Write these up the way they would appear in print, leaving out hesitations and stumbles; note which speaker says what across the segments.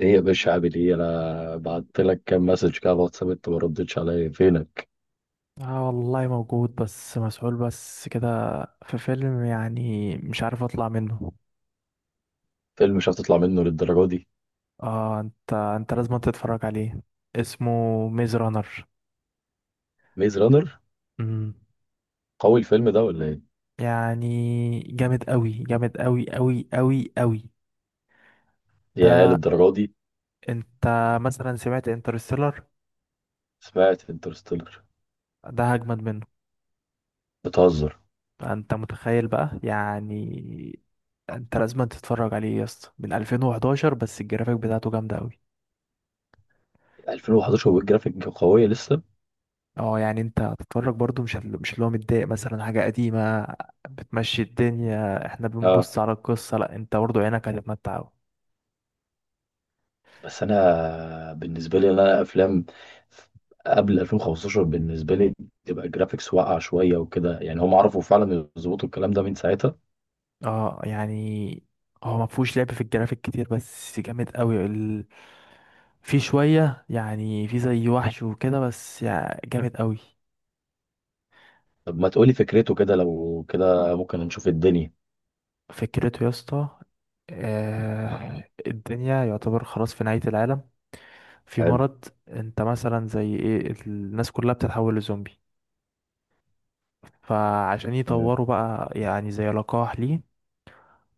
Speaker 1: ايه يا باشا؟ عامل ايه؟ انا بعت لك كام مسج كده على الواتساب، انت ما ردتش عليا، فينك؟
Speaker 2: اه والله موجود، بس مسؤول بس كده. في فيلم يعني مش عارف اطلع منه.
Speaker 1: فيلم مش هتطلع منه للدرجه دي؟
Speaker 2: اه، انت لازم تتفرج عليه. اسمه ميز رانر.
Speaker 1: ميز رانر.
Speaker 2: امم.
Speaker 1: قوي الفيلم ده ولا ايه؟
Speaker 2: يعني جامد قوي، جامد قوي قوي قوي قوي.
Speaker 1: يا
Speaker 2: ده
Speaker 1: للدرجه دي.
Speaker 2: انت مثلا سمعت انترستيلر؟
Speaker 1: سمعت انترستيلر؟
Speaker 2: ده هجمد منه.
Speaker 1: بتهزر.
Speaker 2: انت متخيل بقى يعني. انت لازم تتفرج عليه يا اسطى، من 2011، بس الجرافيك بتاعته جامده قوي.
Speaker 1: 2011 والجرافيك قويه لسه؟
Speaker 2: اه يعني انت هتتفرج برضو، مش اللي هو متضايق مثلا حاجة قديمة بتمشي الدنيا. احنا
Speaker 1: اه.
Speaker 2: بنبص على القصة، لا انت برضو عينك هتتمتع أوي.
Speaker 1: بس انا بالنسبه لي انا افلام قبل 2015 بالنسبه لي تبقى الجرافيكس واقعه شويه وكده. يعني هم عرفوا فعلا يظبطوا الكلام ده من ساعتها.
Speaker 2: اه يعني هو ما فيهوش لعب في الجرافيك كتير بس جامد قوي في شوية، يعني في زي وحش وكده، بس يعني جامد قوي.
Speaker 1: طب ما تقولي فكرته كده، لو كده ممكن نشوف الدنيا.
Speaker 2: فكرته يا اسطى، آه الدنيا يعتبر خلاص في نهاية العالم. في
Speaker 1: حلو.
Speaker 2: مرض، انت مثلا زي ايه، الناس كلها بتتحول لزومبي. فعشان
Speaker 1: تمام.
Speaker 2: يطوروا بقى يعني زي لقاح ليه،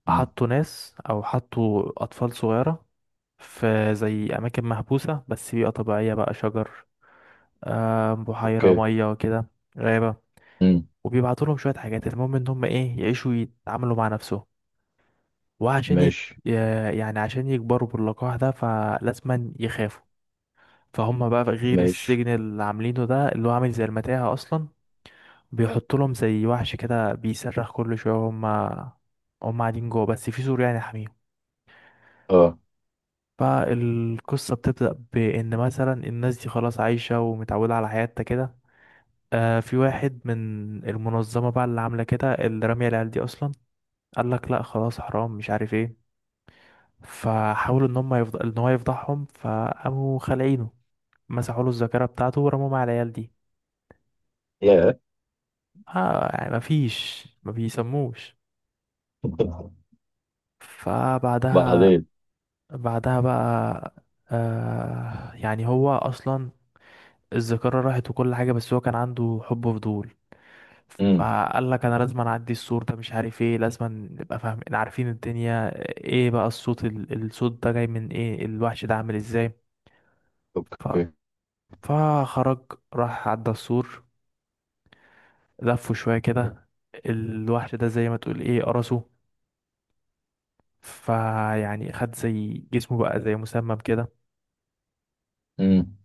Speaker 2: حطوا ناس او حطوا اطفال صغيرة في زي اماكن محبوسة، بس بيئة طبيعية بقى، شجر، آه، بحيرة
Speaker 1: اوكي.
Speaker 2: مية وكده، غابة.
Speaker 1: امم.
Speaker 2: وبيبعتوا لهم شوية حاجات، المهم ان هم ايه يعيشوا يتعاملوا مع نفسهم. وعشان
Speaker 1: ماشي.
Speaker 2: يعني عشان يكبروا باللقاح ده فلازما يخافوا. فهم بقى، غير
Speaker 1: ماشي.
Speaker 2: السجن اللي عاملينه ده اللي هو عامل زي المتاهة اصلا، بيحط لهم زي وحش كده بيصرخ كل شوية. هما هما قاعدين جوه بس في سور يعني حميهم.
Speaker 1: اه.
Speaker 2: فالقصة بتبدأ بإن مثلا الناس دي خلاص عايشة ومتعودة على حياتها كده. آه في واحد من المنظمة بقى اللي عاملة كده اللي رامية العيال دي أصلا، قال لك لأ خلاص حرام مش عارف ايه. فحاولوا إن هو يفضحهم، فقاموا خالعينه، مسحوا له الذاكرة بتاعته ورموه مع العيال دي.
Speaker 1: يا.
Speaker 2: آه يعني مفيش ما بيسموش. فبعدها،
Speaker 1: بعدين.
Speaker 2: بعدها بقى، آه يعني هو اصلا الذاكره راحت وكل حاجه، بس هو كان عنده حب فضول.
Speaker 1: امم.
Speaker 2: فقال لك انا لازم اعدي السور ده، مش عارف ايه، لازم نبقى فاهمين عارفين الدنيا ايه بقى، الصوت ده جاي من ايه، الوحش ده عامل ازاي. ف...
Speaker 1: اوكي.
Speaker 2: فخرج راح عدى السور، لفه شويه كده، الوحش ده زي ما تقول ايه قرصه. فيعني خد زي جسمه بقى، زي مسمم كده.
Speaker 1: امم.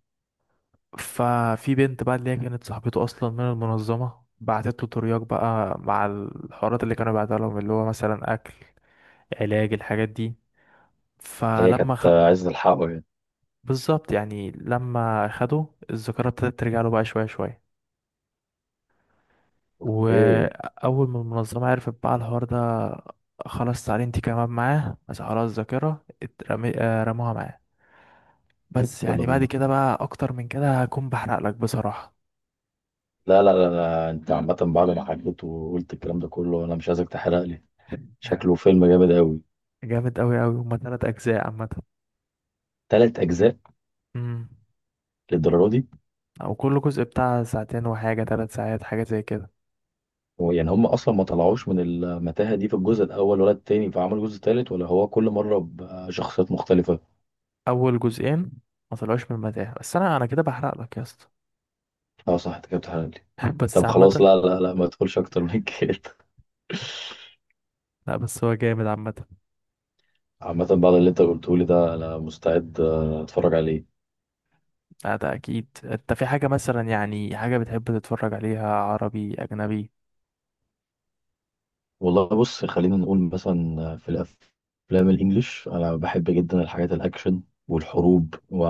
Speaker 2: ففي بنت بقى اللي هي كانت صاحبته اصلا من المنظمه، بعتت له ترياق بقى مع الحوارات اللي كانوا بيعتها لهم، اللي هو مثلا اكل، علاج، الحاجات دي.
Speaker 1: هي
Speaker 2: فلما
Speaker 1: كانت
Speaker 2: خ...
Speaker 1: عايزة تلحقه يعني؟
Speaker 2: بالظبط، يعني لما خده، الذاكره ابتدت ترجع له بقى شويه شويه.
Speaker 1: اوكي.
Speaker 2: واول ما المنظمه عرفت بقى الحوار ده، خلاص تعالي انت كمان معاه، بس خلاص، آه، رموها معاه. بس
Speaker 1: يلا
Speaker 2: يعني بعد
Speaker 1: بينا.
Speaker 2: كده بقى اكتر من كده هكون بحرق لك بصراحه.
Speaker 1: لا. انت عامة بعد ما حكيت وقلت الكلام ده كله انا مش عايزك تحرق لي. شكله فيلم جامد قوي.
Speaker 2: جامد قوي قوي. هما تلات اجزاء عامه.
Speaker 1: تلات اجزاء؟
Speaker 2: مم.
Speaker 1: للدرجة دي؟
Speaker 2: او كل جزء بتاع ساعتين وحاجه، ثلاث ساعات حاجه زي كده.
Speaker 1: هو يعني هم اصلا ما طلعوش من المتاهة دي في الجزء الاول ولا التاني فعملوا جزء تالت، ولا هو كل مرة بشخصيات مختلفة؟
Speaker 2: اول جزئين ما طلعوش من المتاهه، بس انا كده بحرق لك يا اسطى.
Speaker 1: اه صح، انت كده بتحرق لي.
Speaker 2: بس
Speaker 1: طب خلاص،
Speaker 2: عامه،
Speaker 1: لا ما تقولش اكتر من كده.
Speaker 2: لا بس هو جامد عامه.
Speaker 1: عامة بعد اللي انت قلته لي ده انا مستعد اتفرج عليه.
Speaker 2: لا ده اكيد انت في حاجه مثلا يعني حاجه بتحب تتفرج عليها، عربي، اجنبي.
Speaker 1: والله بص، خلينا نقول مثلا في الافلام الانجليش انا بحب جدا الحاجات الاكشن والحروب و-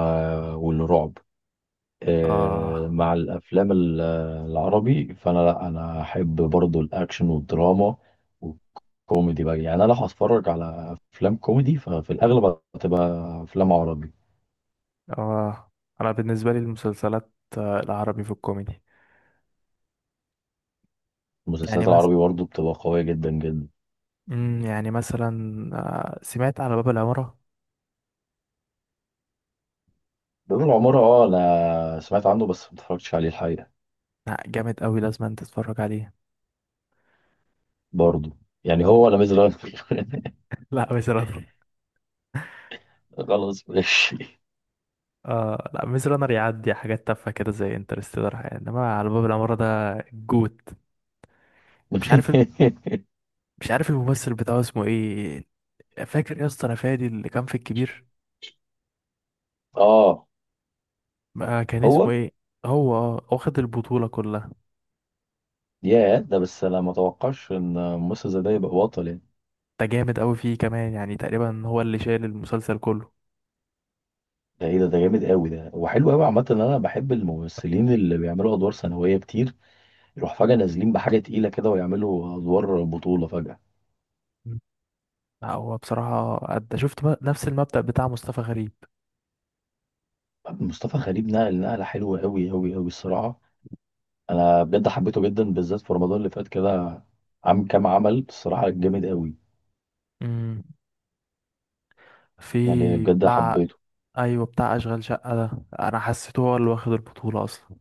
Speaker 1: والرعب.
Speaker 2: اه.
Speaker 1: مع الافلام العربي فانا، لا انا احب برضو الاكشن والدراما والكوميدي بقى. يعني انا لو هتفرج على افلام كوميدي ففي الاغلب هتبقى افلام عربي.
Speaker 2: اه، انا بالنسبه لي المسلسلات، آه، العربي في الكوميدي. يعني
Speaker 1: المسلسلات
Speaker 2: مثلا،
Speaker 1: العربي برضو بتبقى قوية جدا جدا
Speaker 2: يعني مثلا، آه، سمعت على باب العماره؟
Speaker 1: بيوم العمارة، اه انا سمعت عنه بس ما اتفرجتش عليه الحقيقة.
Speaker 2: لا جامد قوي، لازم انت تتفرج عليه.
Speaker 1: برضه. يعني هو ولا ميز رانر؟
Speaker 2: لا بصراحة.
Speaker 1: خلاص ماشي.
Speaker 2: اه لا، ميز رانر يعدي حاجات تافهه كده زي انترستيلر يعني، انما على باب العماره ده الجوت. مش عارف مش عارف الممثل بتاعه اسمه ايه. فاكر يا اسطى انا، فادي اللي كان في الكبير،
Speaker 1: اه
Speaker 2: ما كان اسمه
Speaker 1: هو.
Speaker 2: ايه. هو؟ اه، واخد البطوله كلها.
Speaker 1: يا ده، بس انا ما اتوقعش ان ممثل زي ده يبقى بطل يعني.
Speaker 2: ده جامد قوي فيه كمان، يعني تقريبا هو اللي شايل المسلسل كله.
Speaker 1: ده ايه ده جامد قوي، ده وحلو قوي عامة. ان انا بحب الممثلين اللي بيعملوا ادوار ثانوية كتير، يروح فجأة نازلين بحاجة تقيلة كده ويعملوا ادوار بطولة فجأة.
Speaker 2: مم. لا، هو بصراحه أدى، شفت بقى نفس المبدأ بتاع مصطفى غريب.
Speaker 1: مصطفى غريب نقل نقلة حلوة قوي الصراحة. انا بجد حبيته جدا، بالذات في رمضان اللي فات كده. عم كام عمل، الصراحه جامد قوي.
Speaker 2: امم.
Speaker 1: يعني
Speaker 2: في
Speaker 1: بجد
Speaker 2: بتاع،
Speaker 1: حبيته.
Speaker 2: ايوه بتاع اشغال شقه ده، انا حسيته هو اللي واخد البطوله اصلا.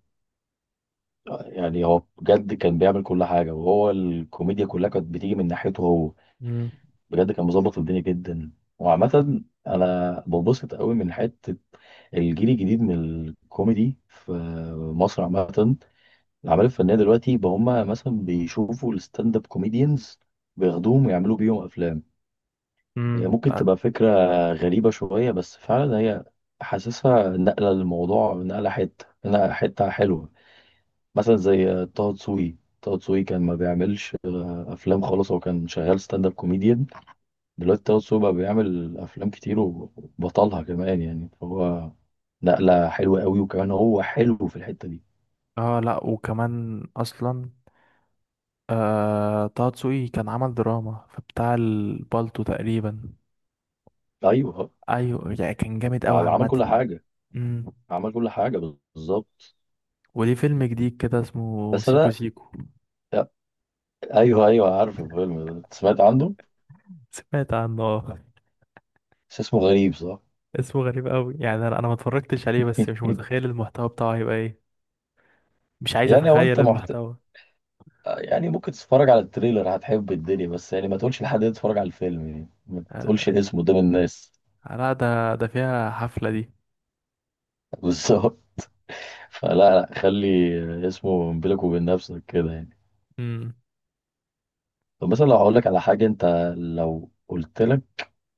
Speaker 1: يعني هو بجد كان بيعمل كل حاجه، وهو الكوميديا كلها كانت بتيجي من ناحيته هو.
Speaker 2: امم.
Speaker 1: بجد كان مظبط الدنيا جدا. وعامه انا ببسط قوي من حته الجيل الجديد من الكوميدي في مصر. عامه الاعمال الفنيه دلوقتي بقى هم مثلا بيشوفوا الستاند اب كوميديانز بياخدوهم ويعملوا بيهم افلام. هي
Speaker 2: امم.
Speaker 1: ممكن تبقى فكرة غريبة شوية، بس فعلا هي حاسسها نقلة للموضوع، نقلة حتة، نقلة حتة حلوة. مثلا زي طه دسوقي. طه دسوقي كان ما بيعملش أفلام خالص، هو كان شغال ستاند اب كوميديان. دلوقتي طه دسوقي بقى بيعمل أفلام كتير وبطلها كمان يعني، فهو نقلة حلوة قوي، وكمان هو حلو في الحتة دي.
Speaker 2: اه لا، وكمان اصلا آه طه دسوقي كان عمل دراما فبتاع البالتو تقريبا.
Speaker 1: أيوه.
Speaker 2: ايوه يعني كان جامد قوي
Speaker 1: عمل كل
Speaker 2: عامه.
Speaker 1: حاجة.
Speaker 2: امم.
Speaker 1: عمل كل حاجة، بالظبط.
Speaker 2: وليه فيلم جديد كده اسمه
Speaker 1: بس
Speaker 2: سيكو
Speaker 1: أنا،
Speaker 2: سيكو.
Speaker 1: أيوه أيوه عارف الفيلم ده، سمعت عنه.
Speaker 2: سمعت عنه، آه.
Speaker 1: بس اسمه غريب، صح؟
Speaker 2: اسمه غريب قوي يعني، أنا ما اتفرجتش عليه، بس مش متخيل المحتوى بتاعه هيبقى ايه. مش عايز
Speaker 1: يعني هو
Speaker 2: اتخيل
Speaker 1: انت محت...
Speaker 2: المحتوى.
Speaker 1: يعني ممكن تتفرج على التريلر هتحب الدنيا، بس يعني ما تقولش لحد انت تتفرج على الفيلم، يعني ما تقولش
Speaker 2: آه
Speaker 1: الاسم قدام الناس.
Speaker 2: لا، ده فيها حفله دي.
Speaker 1: بالظبط. فلا، لا، خلي اسمه بينك وبين نفسك كده يعني.
Speaker 2: امم.
Speaker 1: طب مثلا لو هقول لك على حاجة، انت لو قلت لك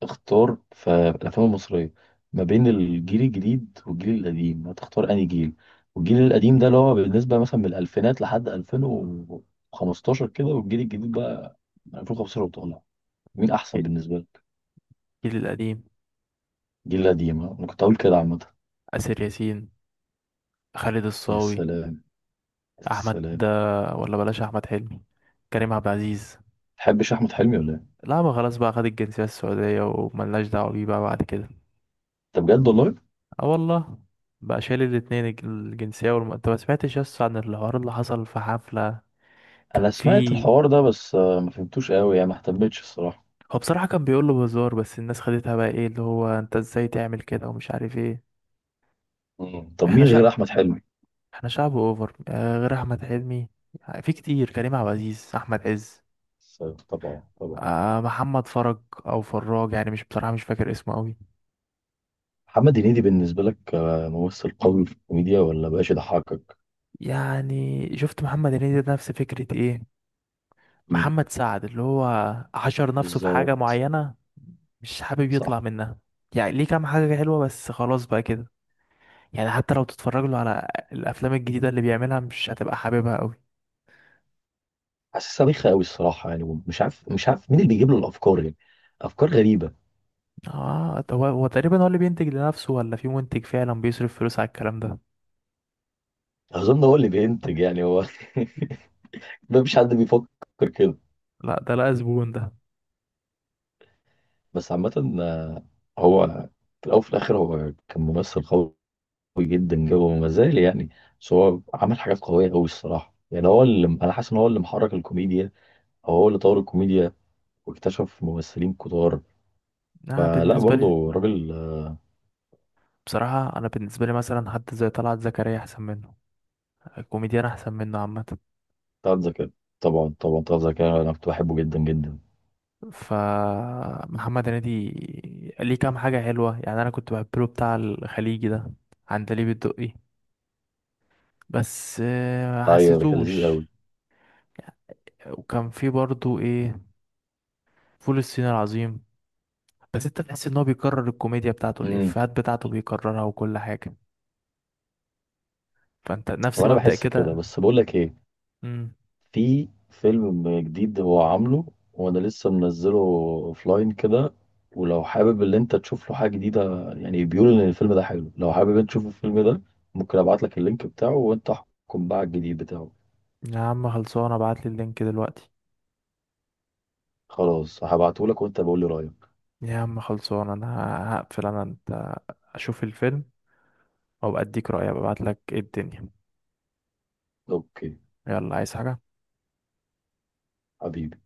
Speaker 1: اختار في الافلام المصرية ما بين الجيل الجديد والجيل القديم، هتختار انهي جيل؟ والجيل القديم ده اللي هو بالنسبة مثلا من الالفينات لحد 2015 كده، والجيل الجديد بقى 2015 وطالع. مين احسن بالنسبه لك؟
Speaker 2: الجيل القديم،
Speaker 1: جيل قديم؟ ها؟ انا كنت هقول كده عامه.
Speaker 2: آسر ياسين، خالد
Speaker 1: يا
Speaker 2: الصاوي،
Speaker 1: سلام، يا
Speaker 2: احمد ده،
Speaker 1: سلام.
Speaker 2: ولا بلاش، احمد حلمي، كريم عبد العزيز.
Speaker 1: تحبش احمد حلمي ولا ايه؟
Speaker 2: لا ما خلاص بقى، خد الجنسية السعودية وملناش دعوة بيه بقى بعد كده.
Speaker 1: طب بجد والله؟
Speaker 2: اه والله. بقى شايل الاتنين، الجنسية انت ما سمعتش يس عن الحوار اللي حصل في حفلة؟
Speaker 1: انا
Speaker 2: كان
Speaker 1: سمعت
Speaker 2: في،
Speaker 1: الحوار ده بس ما فهمتوش قوي يعني ما اهتمتش الصراحه.
Speaker 2: هو بصراحة كان بيقول له بهزار بس الناس خدتها بقى ايه، اللي هو انت ازاي تعمل كده ومش عارف ايه.
Speaker 1: مم. طب
Speaker 2: احنا
Speaker 1: مين غير
Speaker 2: شعب،
Speaker 1: احمد حلمي؟
Speaker 2: احنا شعب اوفر. آه، غير احمد حلمي في كتير، كريم عبد العزيز، احمد عز،
Speaker 1: س- طبعا طبعا.
Speaker 2: آه محمد فرج او فراج يعني، مش بصراحة مش فاكر اسمه قوي.
Speaker 1: محمد هنيدي بالنسبه لك ممثل قوي في الكوميديا ولا بقاش يضحكك؟
Speaker 2: يعني شفت محمد هنيدي ده نفس فكرة ايه،
Speaker 1: مم.
Speaker 2: محمد سعد، اللي هو حشر نفسه في حاجة
Speaker 1: بالظبط.
Speaker 2: معينة مش حابب
Speaker 1: صح.
Speaker 2: يطلع منها. يعني ليه كام حاجة حلوة بس خلاص بقى كده. يعني حتى لو تتفرج له على الأفلام الجديدة اللي بيعملها مش هتبقى حاببها قوي.
Speaker 1: حاسسها بيخة قوي الصراحه، يعني مش عارف مين اللي بيجيب له الافكار يعني، افكار غريبه.
Speaker 2: اه ده هو تقريبا هو اللي بينتج لنفسه، ولا في منتج فعلا بيصرف فلوس على الكلام ده.
Speaker 1: اظن هو اللي بينتج، يعني هو. ما فيش حد بيفكر كده.
Speaker 2: لا ده لا زبون ده.
Speaker 1: بس عامة، هو في الأول وفي الآخر هو كان ممثل قوي جدا جدا، وما زال يعني. بس هو عمل حاجات قوية أوي الصراحة، يعني هو اللي أنا حاسس إن هو اللي محرك الكوميديا، أو هو اللي طور الكوميديا واكتشف ممثلين كتار.
Speaker 2: انا
Speaker 1: فلا،
Speaker 2: بالنسبة لي،
Speaker 1: برضه راجل.
Speaker 2: بصراحة انا بالنسبة لي مثلا حد زي طلعت زكريا احسن منه، كوميديان احسن منه عامة.
Speaker 1: بتاع ذكاء، طبعا طبعا. بتاع ذكاء أنا كنت بحبه جدا جدا.
Speaker 2: فمحمد هنيدي ليه كام حاجة حلوة، يعني أنا كنت بحب له بتاع الخليجي ده، عندليب الدقي، بس آه،
Speaker 1: أيوه ده كان لذيذ
Speaker 2: حسيتوش.
Speaker 1: أوي.
Speaker 2: وكان في برضو إيه، فول الصين العظيم. بس أنت تحس إن هو بيكرر الكوميديا بتاعته،
Speaker 1: امم.
Speaker 2: الإفيهات بتاعته بيكررها وكل حاجة. فأنت نفس
Speaker 1: وأنا
Speaker 2: مبدأ
Speaker 1: بحس كده،
Speaker 2: كده.
Speaker 1: بس بقول لك إيه.
Speaker 2: مم.
Speaker 1: في فيلم جديد هو عامله، وانا لسه منزله اوفلاين كده، ولو حابب ان انت تشوف له حاجه جديده، يعني بيقولوا ان الفيلم ده حلو. لو حابب انت تشوف الفيلم ده ممكن ابعت لك اللينك بتاعه وانت احكم بقى على الجديد بتاعه.
Speaker 2: يا عم خلصانة ابعتلي اللينك دلوقتي.
Speaker 1: خلاص هبعته لك وانت بقول لي رايك.
Speaker 2: يا عم خلصانة أنا هقفل، أنا أنت، أشوف الفيلم أو أديك رأيي أبقى أبعتلك إيه الدنيا.
Speaker 1: اوكي.
Speaker 2: يلا عايز حاجة؟
Speaker 1: حبيبي.